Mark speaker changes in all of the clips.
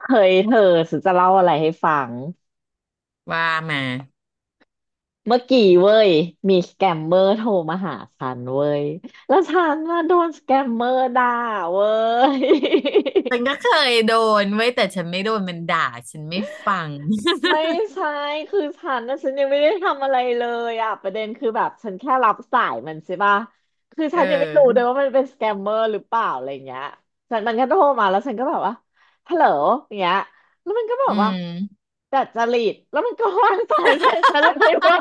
Speaker 1: เฮ้ยเธอฉันจะเล่าอะไรให้ฟัง
Speaker 2: ว่ามา
Speaker 1: เมื่อกี้เว้ยมีสแกมเมอร์โทรมาหาฉันเว้ยแล้วฉันน่ะโดนสแกมเมอร์ด่าเว้ย
Speaker 2: ฉันก็เคยโดนเว้ยแต่ฉันไม่โดนมันด่าฉันไม่ฟัง
Speaker 1: ไม่ใช่คือฉันนะฉันยังไม่ได้ทำอะไรเลยอ่ะประเด็นคือแบบฉันแค่รับสายมันใช่ปะคือ
Speaker 2: เอ
Speaker 1: ฉันยังไม่รู้เลย
Speaker 2: อ
Speaker 1: ว่ามันเป็นสแกมเมอร์หรือเปล่าอะไรเงี้ยฉันมันก็โทรมาแล้วฉันก็แบบว่าฮัลโหลอย่างเงี้ยแล้วมันก็บอ
Speaker 2: อื
Speaker 1: กว่า
Speaker 2: ม
Speaker 1: ดัดจริตแล้วมันก็วางสายใส่ฉันเลย เว้ย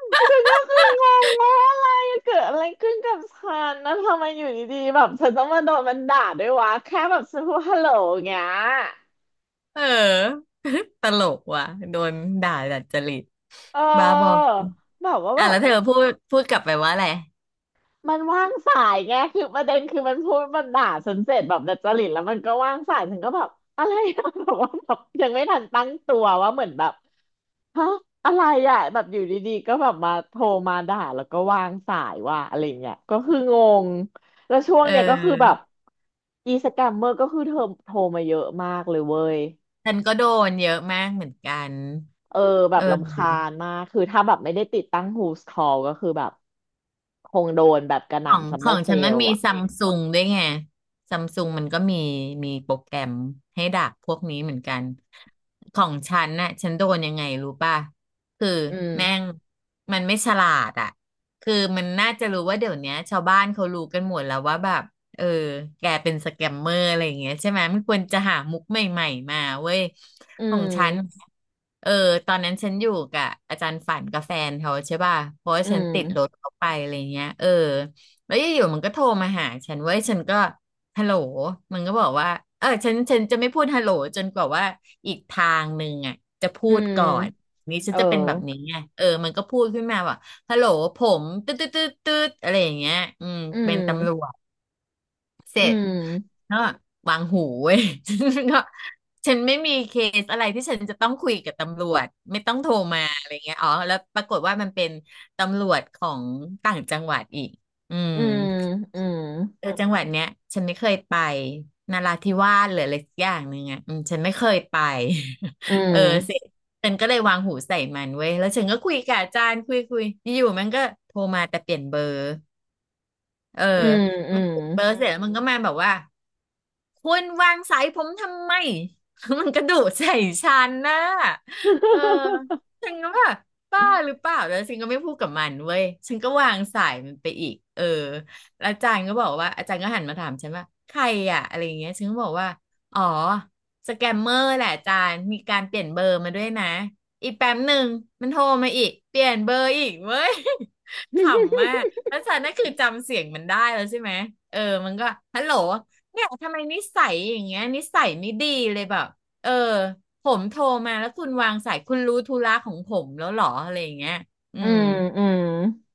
Speaker 1: ฉันก็คืองงว่าอะไรเกิดอะไรขึ้นกับฉันนะทำไมอยู่ดีๆแบบฉันต้องมาโดนมันด่าด้วยวะแค่แบบฉันพูดฮัลโหลอย่างเงี้ย
Speaker 2: เออ ตลกว่ะโดนด่าดัดจริต
Speaker 1: เ
Speaker 2: บ้าบอ
Speaker 1: ออแบบว่า
Speaker 2: อ่ะ
Speaker 1: แบบ
Speaker 2: แล้วเธอพูดกลับไปว่าอะไร
Speaker 1: มันว่างสายไงคือประเด็นคือมันพูดมันด่าฉันเสร็จแบบดัดจริตแล้วมันก็ว่างสายฉันก็แบบอะไรอะ แบบว่าแบบยังไม่ทันตั้งตัวว่าเหมือนแบบ ฮะอะไรอ่ะแบบอยู่ดีๆก็แบบมาโทรมาด่าแล้วก็วางสายว่าอะไรเงี้ยก็คืองงแล้วช่ว
Speaker 2: เ
Speaker 1: งเนี้ยก็คือแบบ
Speaker 2: ออ
Speaker 1: อีสแกมเมอร์ก็คือเธอโทรมาเยอะมากเลยเว้ย
Speaker 2: ฉันก็โดนเยอะมากเหมือนกัน
Speaker 1: เออแบ
Speaker 2: เ
Speaker 1: บรำคา
Speaker 2: ออ
Speaker 1: ญมากคือถ้าแบบไม่ได้ติดตั้ง Who's Call ก็คือแบบคงโดนแบบกระห
Speaker 2: ของ
Speaker 1: น่ำซัม
Speaker 2: ข
Speaker 1: เมอ
Speaker 2: อ
Speaker 1: ร์
Speaker 2: ง
Speaker 1: เซ
Speaker 2: ฉันมัน
Speaker 1: ล
Speaker 2: มี
Speaker 1: อ่ะ
Speaker 2: ซัมซุงด้วยไงซัมซุงมันก็มีโปรแกรมให้ดักพวกนี้เหมือนกันของฉันน่ะฉันโดนยังไงรู้ป่ะคือ
Speaker 1: อื
Speaker 2: แม่ง
Speaker 1: ม
Speaker 2: มันไม่ฉลาดอ่ะคือมันน่าจะรู้ว่าเดี๋ยวเนี้ยชาวบ้านเขารู้กันหมดแล้วว่าแบบเออแกเป็นสแกมเมอร์อะไรอย่างเงี้ยใช่ไหมไม่ควรจะหามุกใหม่ๆมาเว้ย
Speaker 1: อื
Speaker 2: ของฉัน
Speaker 1: ม
Speaker 2: เออตอนนั้นฉันอยู่กับอาจารย์ฝันกับแฟนเขาใช่ป่ะเพราะว่า
Speaker 1: อื
Speaker 2: ฉันติดรถ
Speaker 1: ม
Speaker 2: เขาไปอะไรเงี้ยเออ แล้วอยู่ๆมันก็โทรมาหาฉันเว้ยฉันก็ฮัลโหลมันก็บอกว่าเออฉันจะไม่พูดฮัลโหลจนกว่าว่าอีกทางหนึ่งอ่ะจะพู
Speaker 1: อื
Speaker 2: ด
Speaker 1: ม
Speaker 2: ก่อนนี้ฉั
Speaker 1: เอ
Speaker 2: น
Speaker 1: อ
Speaker 2: จะเป็นแบบนี้ไงเออมันก็พูดขึ้นมาว่าฮัลโหลผมตืดตืดตืดตดอะไรอย่างเงี้ยอืม
Speaker 1: อื
Speaker 2: เป็นตำร
Speaker 1: ม
Speaker 2: วจเส
Speaker 1: อื
Speaker 2: ร็จ
Speaker 1: ม
Speaker 2: ก็วางหูเว้ย ฉันก็ฉันไม่มีเคสอะไรที่ฉันจะต้องคุยกับตำรวจไม่ต้องโทรมาอะไรเงี้ยอ๋อแล้วปรากฏว่ามันเป็นตำรวจของต่างจังหวัดอีกอืม
Speaker 1: อืมอืม
Speaker 2: เออจังหวัดเนี้ยฉันไม่เคยไปนราธิวาสหรืออะไรสักอย่างหนึ่งอ่ะอืมฉันไม่เคยไป
Speaker 1: อื
Speaker 2: เออ
Speaker 1: ม
Speaker 2: สิฉันก็เลยวางหูใส่มันเว้ยแล้วฉันก็คุยกับอาจารย์คุยอยู่ๆมันก็โทรมาแต่เปลี่ยนเบอร์ เออ
Speaker 1: อืมอื
Speaker 2: มัน
Speaker 1: ม
Speaker 2: ปิดเบอร์เสร็จแล้วมันก็มาแบบว่าคุณวางสายผมทำไม มันกระโดุใส่ฉันนะเออ ฉันก็แบบ
Speaker 1: อื
Speaker 2: บ้าห
Speaker 1: ม
Speaker 2: รือเปล่าแล้วฉันก็ไม่พูดกับมันเว้ยฉันก็วางสายมันไปอีกเออแล้วอาจารย์ก็บอกว่าอาจารย์ก็หันมาถามฉันว่าใครอะอะไรอย่างเงี้ยฉันก็บอกว่าอ๋อสแกมเมอร์แหละอาจารย์มีการเปลี่ยนเบอร์มาด้วยนะอีกแป๊บหนึ่งมันโทรมาอีกเปลี่ยนเบอร์อีกเว้ย ขำมากแล้วฉันน่ะคือจำเสียงมันได้แล้วใช่ไหม เออมันก็ฮัลโหล เนี่ยทำไมนิสัยอย่างเงี้ยนิสัยไม่ดีเลยแบบ เออผมโทรมาแล้วคุณวางสายคุณรู้ธุระของผมแล้วเหรออะไรอย่างเงี้ยอื
Speaker 1: อื
Speaker 2: ม
Speaker 1: ม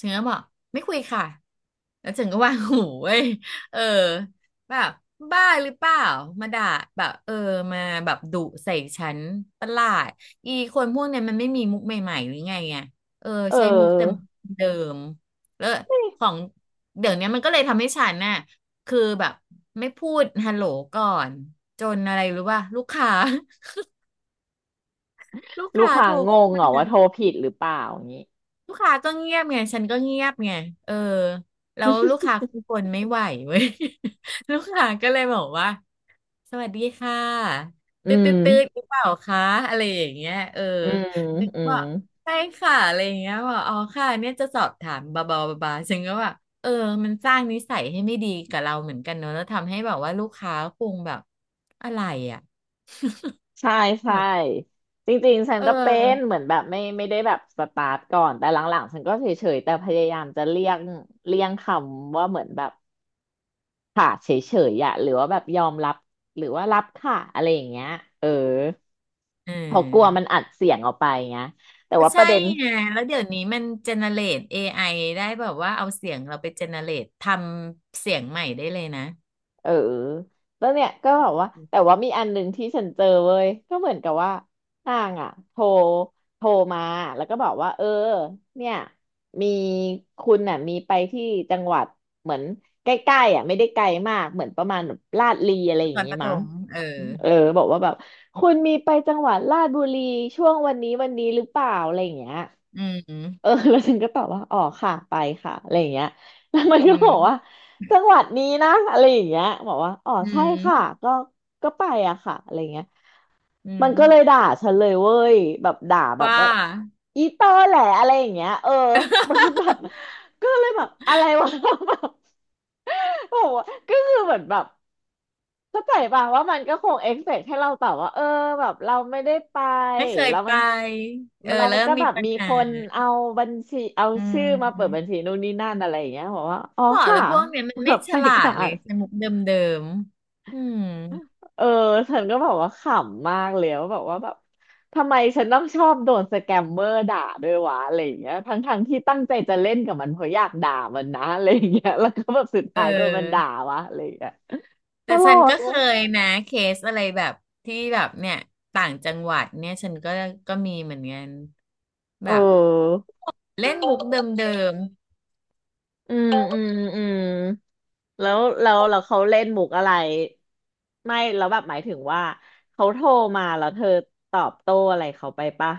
Speaker 2: ฉันก็บอกไม่คุยค่ะแล้วฉันก็วางหูเว้ยเออแบบบ้าหรือเปล่ามาด่าแบบเออมาแบบดุใส่ฉันประหลาดอีคนพวกเนี้ยมันไม่มีมุกใหม่ๆหรือไงไงเออ
Speaker 1: เ
Speaker 2: ใช้มุกแต่
Speaker 1: ออ
Speaker 2: มุกเดิมแล้ว
Speaker 1: ไม่
Speaker 2: ของเดี๋ยวเนี้ยมันก็เลยทำให้ฉันน่ะคือแบบไม่พูดฮัลโหลก่อนจนอะไรรู้ป่ะลูกค้า ลูก
Speaker 1: ลูก
Speaker 2: ค้า
Speaker 1: ค้า
Speaker 2: โทร
Speaker 1: ง
Speaker 2: เข้า
Speaker 1: งเห
Speaker 2: มา
Speaker 1: รอว่าโทรผิดหรือเปล่าอย่างนี้
Speaker 2: ลูกค้าก็เงียบไงฉันก็เงียบไงเออแล้วลูกค้าคงคนไม่ไหวเว้ย ลูกค้าก็เลยบอกว่าสวัสดีค่ะ
Speaker 1: อื
Speaker 2: ตืดตื
Speaker 1: ม
Speaker 2: ดตืดหรือเปล่าคะอะไรอย่างเงี้ยเออ
Speaker 1: อืม
Speaker 2: ฉัน
Speaker 1: อื
Speaker 2: ก็บ
Speaker 1: ม
Speaker 2: อกใช่ค่ะอะไรอย่างเงี้ยบอกอ๋อค่ะเนี่ยจะสอบถามบาบาบาบาฉันก็แบบเออมันสร้างนิสัยให้ไม่ดีกับเราเหมือนกันเนอะแล้วทำให้แบบว่าลูกค้าคงแบบอะไรอ่ะ
Speaker 1: ใช่ใช่
Speaker 2: แบบ
Speaker 1: จริงๆฉัน
Speaker 2: เอ
Speaker 1: ก็เป็น
Speaker 2: อ
Speaker 1: เหมือนแบบไม่ได้แบบสตาร์ทก่อนแต่หลังๆฉันก็เฉยๆแต่พยายามจะเลี่ยงเลี่ยงคำว่าเหมือนแบบค่ะเฉยๆอะหรือว่าแบบยอมรับหรือว่ารับค่ะอะไรอย่างเงี้ยเออ
Speaker 2: อื
Speaker 1: เพราะกลัวมัน
Speaker 2: ม
Speaker 1: อัดเสียงออกไปไงยแต่
Speaker 2: ก็
Speaker 1: ว่าป
Speaker 2: ใช่
Speaker 1: ระเด็น
Speaker 2: ไงแล้วเดี๋ยวนี้มันเจเนเรต AI ไอได้แบบว่าเอาเสียงเราไปเจเนเรตทำเสียงใหม่ได้เลยนะ
Speaker 1: เออแล้วเนี่ยก็แบบว่าแต่ว่ามีอันหนึ่งที่ฉันเจอเว้ยก็เหมือนกับว่านางอ่ะโทรมาแล้วก็บอกว่าเออเนี่ยมีคุณน่ะมีไปที่จังหวัดเหมือนใกล้ๆอ่ะไม่ได้ไกลมากเหมือนประมาณแบบลาดลีอะไรอ
Speaker 2: ต
Speaker 1: ย่าง
Speaker 2: อน
Speaker 1: งี้
Speaker 2: ประถ
Speaker 1: มั้ง
Speaker 2: มเออ
Speaker 1: เออบอกว่าแบบคุณมีไปจังหวัดลาดบุรีช่วงวันนี้วันนี้หรือเปล่าอะไรอย่างเงี้ย
Speaker 2: อืม
Speaker 1: เออ แล้วฉันก็ตอบว่าอ๋อค่ะไปค่ะอะไรอย่างเงี้ย แล้วมัน
Speaker 2: อื
Speaker 1: ก็บอกว่า
Speaker 2: ม
Speaker 1: จังหวัดนี้นะอะไรอย่างเงี้ยบอกว่าอ๋อ
Speaker 2: อื
Speaker 1: ใช่
Speaker 2: ม
Speaker 1: ค่ะก็ก็ไปอะค่ะอะไรอย่างเงี้ย
Speaker 2: อื
Speaker 1: มั
Speaker 2: ม
Speaker 1: นก็เลยด่าฉันเลยเว้ยแบบด่าแบบ
Speaker 2: ว่า
Speaker 1: ว่าอีตอแหละอะไรอย่างเงี้ยเออ มันแบบก็เลยแบบอะไรวะ แบบ โอ้โหก็คือเหมือนแบบ เข้าใจป่ะว่ามันก็คงเอ็กเซกให้เราตอบว่าเออแบบเราไม่ได้ไป
Speaker 2: ไม่เคย
Speaker 1: แล้ว
Speaker 2: ไป
Speaker 1: มัน
Speaker 2: เอ
Speaker 1: มั
Speaker 2: อ
Speaker 1: นเรา
Speaker 2: แล้ว
Speaker 1: ก็
Speaker 2: มี
Speaker 1: แบบ
Speaker 2: ปัญ
Speaker 1: มี
Speaker 2: หา
Speaker 1: คนเอาบัญชีเอา
Speaker 2: อื
Speaker 1: ชื่อมาเปิดบั
Speaker 2: ม
Speaker 1: ญชีนู่นนี่นั่นอะไรอย่างเงี้ยบอกว่าอ๋อ
Speaker 2: บอก
Speaker 1: ค่ะ
Speaker 2: แล้วพวกเนี้ยมัน
Speaker 1: แบ
Speaker 2: ไม่
Speaker 1: บ
Speaker 2: ฉ
Speaker 1: ไป
Speaker 2: ลาด
Speaker 1: ค่ะ
Speaker 2: เลยใช้มุกเดิมๆอืม
Speaker 1: เออฉันก็บอกว่าขำมากเลยว่าแบบว่าแบบทำไมฉันต้องชอบโดนสแกมเมอร์ด่าด้วยวะอะไรอย่างเงี้ยทั้งที่ตั้งใจจะเล่นกับมันเพราะอยากด่ามันนะอะไรอย่างเงี้ยแล้วก็แบบสุด
Speaker 2: เอ
Speaker 1: ท้ายโดนมันด่า
Speaker 2: อ
Speaker 1: วะอะไรอย่างเงี้ยต
Speaker 2: แต่
Speaker 1: ล
Speaker 2: ฉัน
Speaker 1: ก
Speaker 2: ก็เคยนะเคสอะไรแบบที่แบบเนี่ยต่างจังหวัดเนี่ยฉันก็ก็มีเหมือนกันแบ
Speaker 1: เอ
Speaker 2: บ
Speaker 1: อ
Speaker 2: เล่นมุกเดิม
Speaker 1: อืมอืมอืมแล้วเขาเล่นมุกอะไรไม่แล้วแบบหมายถึงว่าเขาโทรมาแล้วเธอตอบโต้อะไรเขาไปปะ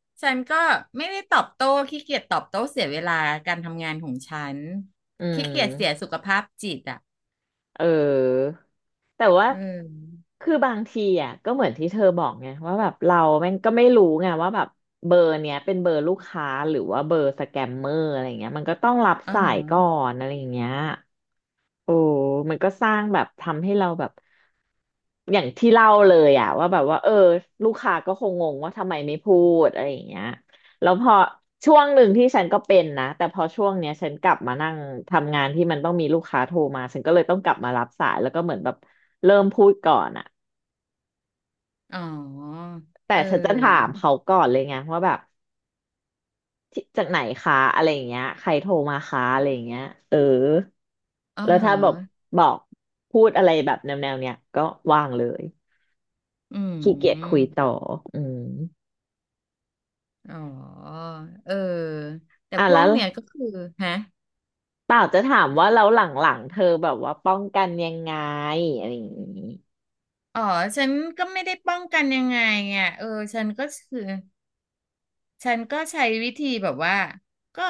Speaker 2: ๆฉันก็ไม่ได้ตอบโต้ขี้เกียจตอบโต้เสียเวลาการทำงานของฉัน
Speaker 1: อื
Speaker 2: ขี้เกียจเสียสุ
Speaker 1: ม
Speaker 2: ขภาพจิตอ่ะ
Speaker 1: เออแต่ว่า
Speaker 2: อืม
Speaker 1: คือบางทีอ่ะก็เหมือนที่เธอบอกไงว่าแบบเราแม่งก็ไม่รู้ไงว่าแบบเบอร์เนี้ยเป็นเบอร์ลูกค้าหรือว่าเบอร์สแกมเมอร์อะไรเงี้ยมันก็ต้องรับ
Speaker 2: อ๋อ
Speaker 1: สา
Speaker 2: ฮะ
Speaker 1: ยก่อนอะไรอย่างเงี้ย โอ้มันก็สร้างแบบทำให้เราแบบอย่างที่เล่าเลยอะว่าแบบว่าเออลูกค้าก็คงงงว่าทำไมไม่พูดอะไรอย่างเงี้ยแล้วพอช่วงหนึ่งที่ฉันก็เป็นนะแต่พอช่วงเนี้ยฉันกลับมานั่งทำงานที่มันต้องมีลูกค้าโทรมาฉันก็เลยต้องกลับมารับสายแล้วก็เหมือนแบบเริ่มพูดก่อนอะ
Speaker 2: อ๋อ
Speaker 1: แต่
Speaker 2: เอ
Speaker 1: ฉันจะถาม
Speaker 2: อ
Speaker 1: เขาก่อนเลยไงว่าแบบ ที่จากไหนคะอะไรอย่างเงี้ยใครโทรมาคะอะไรอย่างเงี้ยเออ
Speaker 2: อ๋อ
Speaker 1: แล้ว
Speaker 2: ฮะ
Speaker 1: ถ้าแบบบอกพูดอะไรแบบแนวแนวเนี้ยก็ว่างเลย
Speaker 2: อื
Speaker 1: ขี้เกียจคุย
Speaker 2: ม
Speaker 1: ต่ออืม
Speaker 2: อ๋อเออแต่
Speaker 1: อ่ะ
Speaker 2: พว
Speaker 1: แล้
Speaker 2: ก
Speaker 1: ว
Speaker 2: เนี่ยก็คือฮะ
Speaker 1: เปล่าจะถามว่าแล้วหลังๆเธอแบบว่าป้องกันยังไงอะไรอย่างงี้
Speaker 2: อ๋อฉันก็ไม่ได้ป้องกันยังไงไงเออฉันก็คือฉันก็ใช้วิธีแบบว่าก็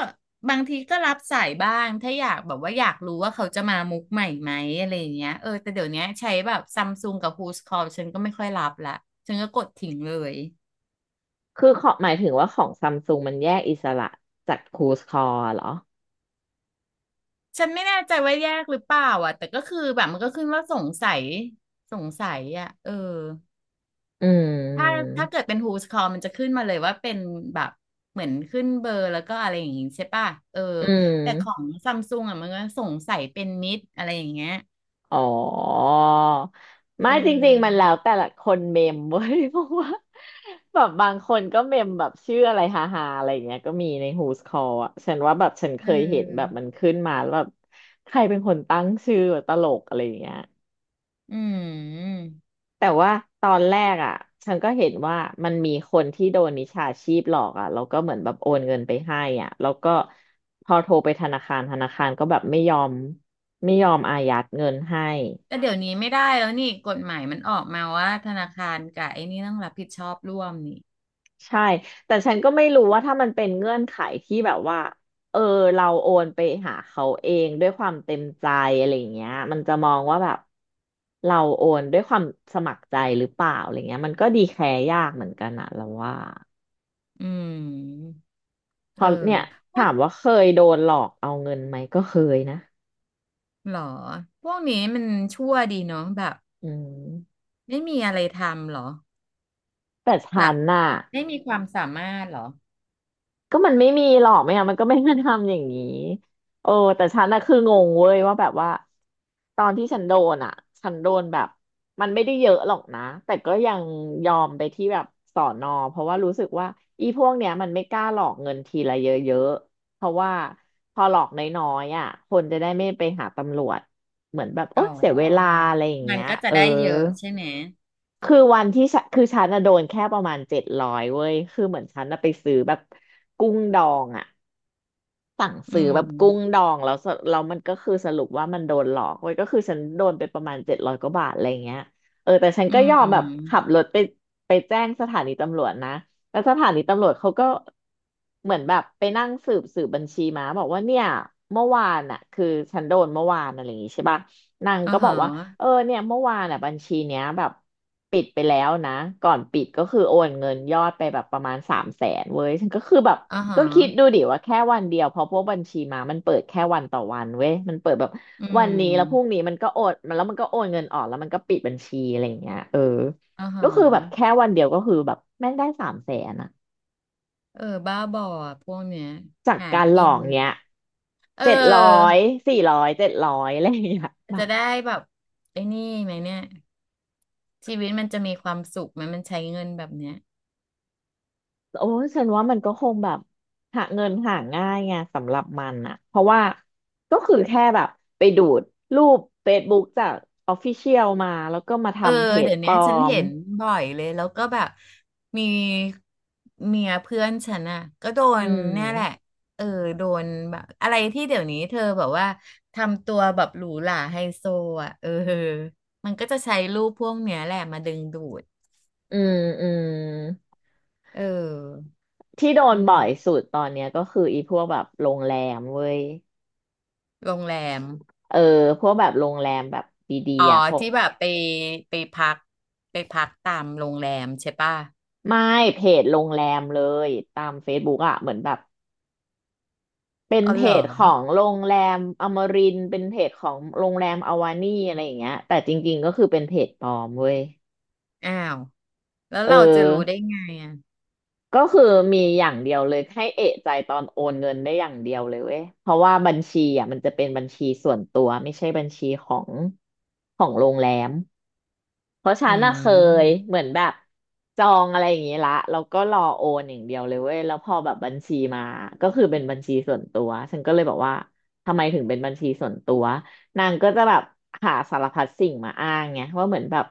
Speaker 2: บางทีก็รับสายบ้างถ้าอยากแบบว่าอยากรู้ว่าเขาจะมามุกใหม่ไหมอะไรอย่างเงี้ยเออแต่เดี๋ยวเนี้ยใช้แบบซัมซุงกับ Who's Call ฉันก็ไม่ค่อยรับละฉันก็กดทิ้งเลย
Speaker 1: คือขอหมายถึงว่าของซัมซุงมันแยกอิสระจากครูสคอร์เหรอ
Speaker 2: ฉันไม่แน่ใจว่าแยกหรือเปล่าอ่ะแต่ก็คือแบบมันก็ขึ้นว่าสงสัยอ่ะเออ
Speaker 1: อื
Speaker 2: ถ้า
Speaker 1: ม
Speaker 2: ถ้าเกิดเป็น Who's Call มันจะขึ้นมาเลยว่าเป็นแบบเหมือนขึ้นเบอร์แล้วก็อะไรอย่างงี้ใช่ป่ะเออ
Speaker 1: อื
Speaker 2: แต่ขอ
Speaker 1: ม
Speaker 2: งซัมซุงอ่ะมันก็สงสัยเป็นมิดอะไรอย่างเงี้ย
Speaker 1: อ๋อไม่
Speaker 2: เอ
Speaker 1: จริงๆมัน
Speaker 2: อ
Speaker 1: แล้วแต่ละคนเมมเว้ย เพราะว่าแบบบางคนก็เมมแบบชื่ออะไรฮาฮาอะไรอย่างเงี้ยก็มีใน Who's Call อ่ะฉันว่าแบบฉันเค
Speaker 2: เ
Speaker 1: ยเห็นแบบ
Speaker 2: ออ
Speaker 1: มันขึ้นมาแล้วแบบใครเป็นคนตั้งชื่อตลกอะไรอย่างเงี้ย
Speaker 2: อืม
Speaker 1: แต่ว่าตอนแรกอ่ะฉันก็เห็นว่ามันมีคนที่โดนมิจฉาชีพหลอกอ่ะแล้วก็เหมือนแบบโอนเงินไปให้อ่ะแล้วก็พอโทรไปธนาคารก็แบบไม่ยอมอายัดเงินให้
Speaker 2: แต่เดี๋ยวนี้ไม่ได้แล้วนี่กฎหมายมันออกมาว่าธนาคารกับไอ้นี่ต้องรับผิดชอบร่วมนี่
Speaker 1: ใช่แต่ฉันก็ไม่รู้ว่าถ้ามันเป็นเงื่อนไขที่แบบว่าเออเราโอนไปหาเขาเองด้วยความเต็มใจอะไรอย่างเงี้ยมันจะมองว่าแบบเราโอนด้วยความสมัครใจหรือเปล่าอะไรเงี้ยมันก็ดีแคร์ยากเหมือนกันอะเราว่า
Speaker 2: อืม
Speaker 1: พ
Speaker 2: เออ
Speaker 1: อเนี่ยถามว่าเคยโดนหลอกเอาเงินไหมก็เคยนะ
Speaker 2: หรอพวกนี้มันชั่วดีเนาะแบบ
Speaker 1: อืม
Speaker 2: ไม่มีอะไรทำหรอ
Speaker 1: แต่ฉั
Speaker 2: แบบ
Speaker 1: นน่ะ
Speaker 2: ไม่มีความสามารถหรอ
Speaker 1: มันไม่มีหรอกไม่งั้นมันก็ไม่มาทำอย่างนี้โอ้แต่ฉันน่ะคืองงเว้ยว่าแบบว่า ตอนที่ฉันโดนอ่ะฉันโดนแบบมันไม่ได้เยอะหรอกนะ แต่ก็ยังยอมไปที่แบบสอนอเพราะว่ารู้สึกว่าอีพวกเนี้ยมันไม่กล้าหลอกเงินทีละเยอะๆเพราะว่าพอหลอกน้อยๆอ่ะคนจะได้ไม่ไปหาตำรวจเหมือนแบบโอ๊
Speaker 2: อ๋อ
Speaker 1: ยเสียเวลาอะไรอย่าง
Speaker 2: มัน
Speaker 1: เงี้ย
Speaker 2: ก็จะ
Speaker 1: เออ
Speaker 2: ได้เยอะใช่ไหม
Speaker 1: คือวันที่ฉันฉันน่ะโดนแค่ประมาณเจ็ดร้อยเว้ยคือเหมือนฉันอะไปซื้อแบบกุ้งดองอะ สั่ง
Speaker 2: อื
Speaker 1: ซื้อแบ
Speaker 2: ม
Speaker 1: บกุ้งดองแล้วสแล้วมันก็คือสรุปว่ามันโดนหลอกเว้ยก็คือฉันโดนไปประมาณเจ็ดร้อยกว่าบาทอะไรเงี้ยเออแต่ฉัน
Speaker 2: อื
Speaker 1: ก็ยอมแบบขั
Speaker 2: ม
Speaker 1: บรถไปไปแจ้งสถานีตำรวจนะแล้วสถานีตำรวจเขาก็เหมือนแบบไปนั่งสืบบัญชีมาบอกว่าเนี่ยเมื่อวานน่ะคือฉันโดนเมื่อวานอะไรอย่างงี้ใช่ปะนาง
Speaker 2: อ่า
Speaker 1: ก็บอ
Speaker 2: ฮะ
Speaker 1: กว่าเนี่ยเมื่อวานอ่ะบัญชีเนี้ยแบบปิดไปแล้วนะก่อนปิดก็คือโอนเงินยอดไปแบบประมาณสามแสนเว้ยฉันก็คือแบบ
Speaker 2: อ่าฮะ
Speaker 1: ก็คิดดูดิว่าแค่วันเดียวเพราะพวกบัญชีม้ามันเปิดแค่วันต่อวันเว้ยมันเปิดแบบ
Speaker 2: อื
Speaker 1: วั
Speaker 2: ม
Speaker 1: นนี้แล้วพรุ่งนี้มันก็โอนมันแล้วมันก็โอนเงินออกแล้วมันก็ปิดบัญชีอะไรอย่างเงี้ยเออ
Speaker 2: อ่าฮะ
Speaker 1: ก็คือแบบแค่วันเดียวก็คือแบบแม่งได้สามแสนอะ
Speaker 2: เออบ้าบออะพวกเนี้ย
Speaker 1: จาก
Speaker 2: หา
Speaker 1: การหล
Speaker 2: กิ
Speaker 1: อ
Speaker 2: น
Speaker 1: กเนี้ย
Speaker 2: เ
Speaker 1: เจ็ดร้อ
Speaker 2: ออ
Speaker 1: ยสี่ร้อยเจ็ดร้อยอะไรอย่างเงี้ยแบ
Speaker 2: จะ
Speaker 1: บ
Speaker 2: ได้แบบไอ้นี่ไหมเนี่ยชีวิตมันจะมีความสุขไหมมันใช้เงินแบบเนี้ย
Speaker 1: โอ้ฉันว่ามันก็คงแบบหาเงินหาง่ายไงสำหรับมันอะเพราะว่าก็คือแค่แบบไปดูดรูป Facebook จาก Official มาแล้วก็มา
Speaker 2: เออ
Speaker 1: ทำเพจ
Speaker 2: เดี๋ยว
Speaker 1: ป
Speaker 2: เนี้
Speaker 1: ล
Speaker 2: ย
Speaker 1: อ
Speaker 2: ฉัน
Speaker 1: ม
Speaker 2: เห็นบ่อยเลยแล้วก็แบบมีเมียเพื่อนฉันอ่ะก็โด
Speaker 1: อื
Speaker 2: นเนี่ยแหละ
Speaker 1: ม
Speaker 2: เออโดนแบบอะไรที่เดี๋ยวนี้เธอแบบว่าทำตัวแบบหรูหราไฮโซอ่ะเออมันก็จะใช้รูปพวกเนี้ยแหละมาดึงดูด
Speaker 1: อืมอืม
Speaker 2: เออ
Speaker 1: ที่โด
Speaker 2: อื
Speaker 1: น
Speaker 2: ม
Speaker 1: บ่อยสุดตอนเนี้ยก็คืออีพวกแบบโรงแรมเว้ย
Speaker 2: โรงแรม
Speaker 1: เออพวกแบบโรงแรมแบบดี
Speaker 2: อ๋อ
Speaker 1: ๆอ่ะพวก
Speaker 2: ที่แบบไปไปพักไปพักตามโรงแรมใช่ป่ะ
Speaker 1: ไม่เพจโรงแรมเลยตาม Facebook อ่ะเหมือนแบบเป็น
Speaker 2: อ๋อ
Speaker 1: เพ
Speaker 2: เหรอ
Speaker 1: จของโรงแรมอมรินทร์เป็นเพจของโรงแรมอวานี่อะไรอย่างเงี้ยแต่จริงๆก็คือเป็นเพจปลอมเว้ย
Speaker 2: อ้าวแล้ว
Speaker 1: เอ
Speaker 2: เราจะรู้ได้
Speaker 1: อ
Speaker 2: ไงอ่ะ
Speaker 1: ก็คือมีอย่างเดียวเลยให้เอะใจตอนโอนเงินได้อย่างเดียวเลยเว้ยเพราะว่าบัญชีอ่ะมันจะเป็นบัญชีส่วนตัวไม่ใช่บัญชีของโรงแรม เพราะฉั
Speaker 2: อื
Speaker 1: นน่ะเคย
Speaker 2: ม
Speaker 1: เหมือนแบบจองอะไรอย่างงี้ละแล้วก็รอโอนอย่างเดียวเลยเว้ยแล้วพอแบบบัญชีมาก็คือเป็นบัญชีส่วนตัวฉันก็เลยบอกว่าทำไมถึงเป็นบัญชีส่วนตัวนางก็จะแบบหาสารพัดสิ่งมาอ้างไงว่าเหมือนแบบ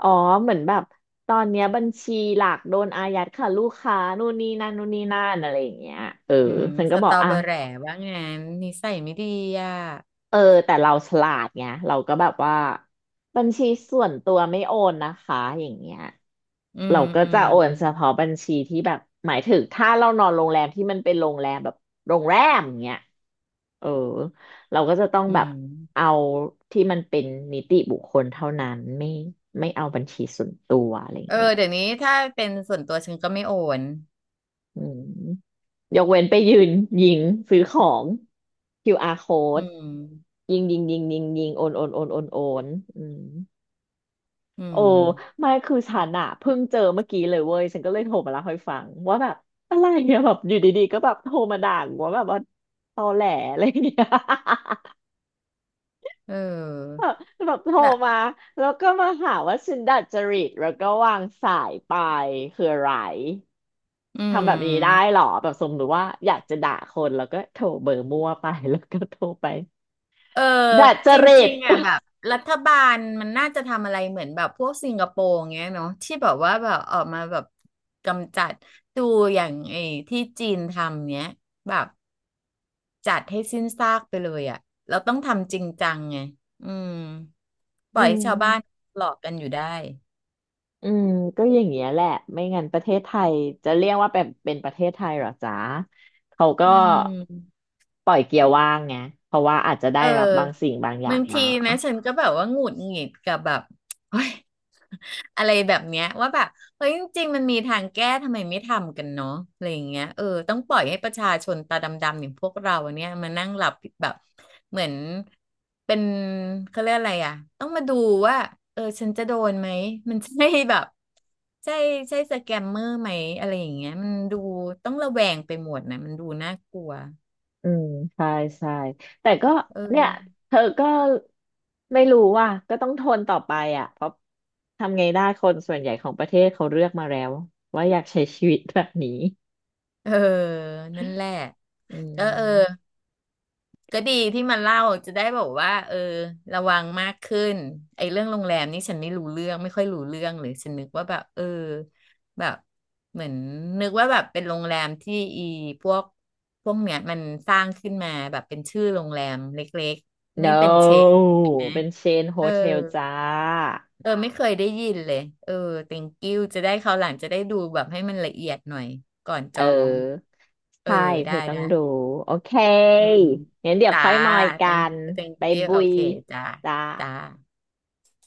Speaker 1: อ๋อเหมือนแบบตอนเนี้ยบัญชีหลักโดนอายัดค่ะลูกค้านู่นนี่นั่นนู่นนี่นั่นอะไรอย่างเงี้ยเออ
Speaker 2: อืม
Speaker 1: ฉัน
Speaker 2: ส
Speaker 1: ก็บอ
Speaker 2: ต
Speaker 1: ก
Speaker 2: อ
Speaker 1: อ่ะ
Speaker 2: เบอแหร่ว่างั้นนิสัยไม่ดีอ่ะ
Speaker 1: เออแต่เราฉลาดไงเราก็แบบว่าบัญชีส่วนตัวไม่โอนนะคะอย่างเงี้ย
Speaker 2: อื
Speaker 1: เรา
Speaker 2: ม
Speaker 1: ก็
Speaker 2: อื
Speaker 1: จะ
Speaker 2: ม
Speaker 1: โอนเฉพาะบัญชีที่แบบหมายถึงถ้าเรานอนโรงแรมที่มันเป็นโรงแรมแบบโรงแรมอย่างเงี้ยเออเราก็จะต้อง
Speaker 2: อื
Speaker 1: แบบ
Speaker 2: ม
Speaker 1: เอาที่มันเป็นนิติบุคคลเท่านั้นไม่เอาบัญชีส่วนตัวอะไร
Speaker 2: เอ
Speaker 1: เงี้
Speaker 2: อ
Speaker 1: ย
Speaker 2: เดี๋ยวนี้ถ้าเป็นส่วนตัวฉันก็ไม่โอน
Speaker 1: อืมยกเว้นไปยืนยิงซื้อของ QR
Speaker 2: อื
Speaker 1: code
Speaker 2: ม
Speaker 1: ยิงโอนอืม
Speaker 2: อื
Speaker 1: โอ้
Speaker 2: ม
Speaker 1: ไม่คือฉันอะเพิ่งเจอเมื่อกี้เลยเว้ยฉันก็เลยโทรมาเล่าให้ฟังว่าแบบอะไรเนี่ย แบบอยู่ดีๆก็แบบโทรมาด่ากูว่าแบบว่าตอแหลอะไรเนี่ย
Speaker 2: เ
Speaker 1: แบ
Speaker 2: ออ
Speaker 1: บแบบโทร
Speaker 2: แบบ
Speaker 1: มาแล้วก็มาหาว่าฉันดัดจริตแล้วก็วางสายไปคืออะไร
Speaker 2: อื
Speaker 1: ทำแบบนี้ได้เห
Speaker 2: ม
Speaker 1: รอแบบสมมติว่าอยากจะด่าคนแล้วก็โทรเบอร์มั่วไป แล้วก็โทรไป
Speaker 2: เออ
Speaker 1: ดัดจ
Speaker 2: จ
Speaker 1: ริ
Speaker 2: ริ
Speaker 1: ต
Speaker 2: งๆอ่ะแบ บรัฐบาลมันน่าจะทำอะไรเหมือนแบบพวกสิงคโปร์อย่างเงี้ยเนาะที่แบบว่าแบบออกมาแบบกำจัดดูอย่างไอ้ที่จีนทำเนี้ยแบบจัดให้สิ้นซากไปเลยอ่ะเราต้องทำจริงจังไงอืมป
Speaker 1: อื
Speaker 2: ล่อยให้ชาวบ้าน
Speaker 1: ม
Speaker 2: หลอกกันอยู่ได้
Speaker 1: อืมก็อย่างเงี้ยแหละไม่งั้นประเทศไทยจะเรียกว่าเป็นประเทศไทยเหรอจ๊ะเขาก็
Speaker 2: อืม
Speaker 1: ปล่อยเกียร์ว่างไงเพราะว่าอาจจะได้
Speaker 2: เออ
Speaker 1: รับบางสิ่งบางอย่า
Speaker 2: บา
Speaker 1: ง
Speaker 2: ง
Speaker 1: มา
Speaker 2: ทีนะฉันก็แบบว่าหงุดหงิดกับแบบเฮ้ย อะไรแบบเนี้ยว่าแบบเฮ้ยจริงๆมันมีทางแก้ทำไมไม่ทำกันเนาะอะไรอย่างเงี้ยเออต้องปล่อยให้ประชาชนตาดำๆอย่างพวกเราเนี่ยมานั่งหลับแบบเหมือนเป็นเขาเรียกอะไรอ่ะต้องมาดูว่าเออฉันจะโดนไหมมันใช่แบบใช่ใช่สแกมเมอร์ไหมอะไรอย่างเงี้ยมันดูต้องระแวงไปหมดนะมันดูน่ากลัว
Speaker 1: อืมใช่ใช่แต่ก็
Speaker 2: เอ
Speaker 1: เนี่ย
Speaker 2: อ
Speaker 1: เธอก็ไม่รู้ว่าก็ต้องทนต่อไปอ่ะเพราะทำไงได้คนส่วนใหญ่ของประเทศเขาเลือกมาแล้วว่าอยากใช้ชีวิตแบบนี้
Speaker 2: เออนั่นแหละ
Speaker 1: อื
Speaker 2: เออเออ
Speaker 1: ม
Speaker 2: ก็ดีที่มันเล่าจะได้บอกว่าเออระวังมากขึ้นไอ้เรื่องโรงแรมนี่ฉันไม่รู้เรื่องไม่ค่อยรู้เรื่องเลยฉันนึกว่าแบบเออแบบเหมือนนึกว่าแบบเป็นโรงแรมที่อีพวกพวกเนี้ยมันสร้างขึ้นมาแบบเป็นชื่อโรงแรมเล็กๆนี่เป็นเชน
Speaker 1: no
Speaker 2: นะ
Speaker 1: เป็นเชนโฮ
Speaker 2: เออ
Speaker 1: เทลจ้า
Speaker 2: เออไม่เคยได้ยินเลยเออ thank you จะได้คราวหลังจะได้ดูแบบให้มันละเอียดหน่อยก่อนจ
Speaker 1: เ
Speaker 2: อง
Speaker 1: ออ
Speaker 2: เออ
Speaker 1: ใช่เธ
Speaker 2: ได้
Speaker 1: อต้อง
Speaker 2: ได้
Speaker 1: ดูโอเค
Speaker 2: อืม
Speaker 1: งั้นเดี๋ยว
Speaker 2: จ่า
Speaker 1: ค่อยมอยกั
Speaker 2: เต็ง
Speaker 1: น
Speaker 2: กี้เต็ง
Speaker 1: ไป
Speaker 2: กี้
Speaker 1: บุ
Speaker 2: โอ
Speaker 1: ย
Speaker 2: เคจ่า
Speaker 1: จ้า
Speaker 2: จ่า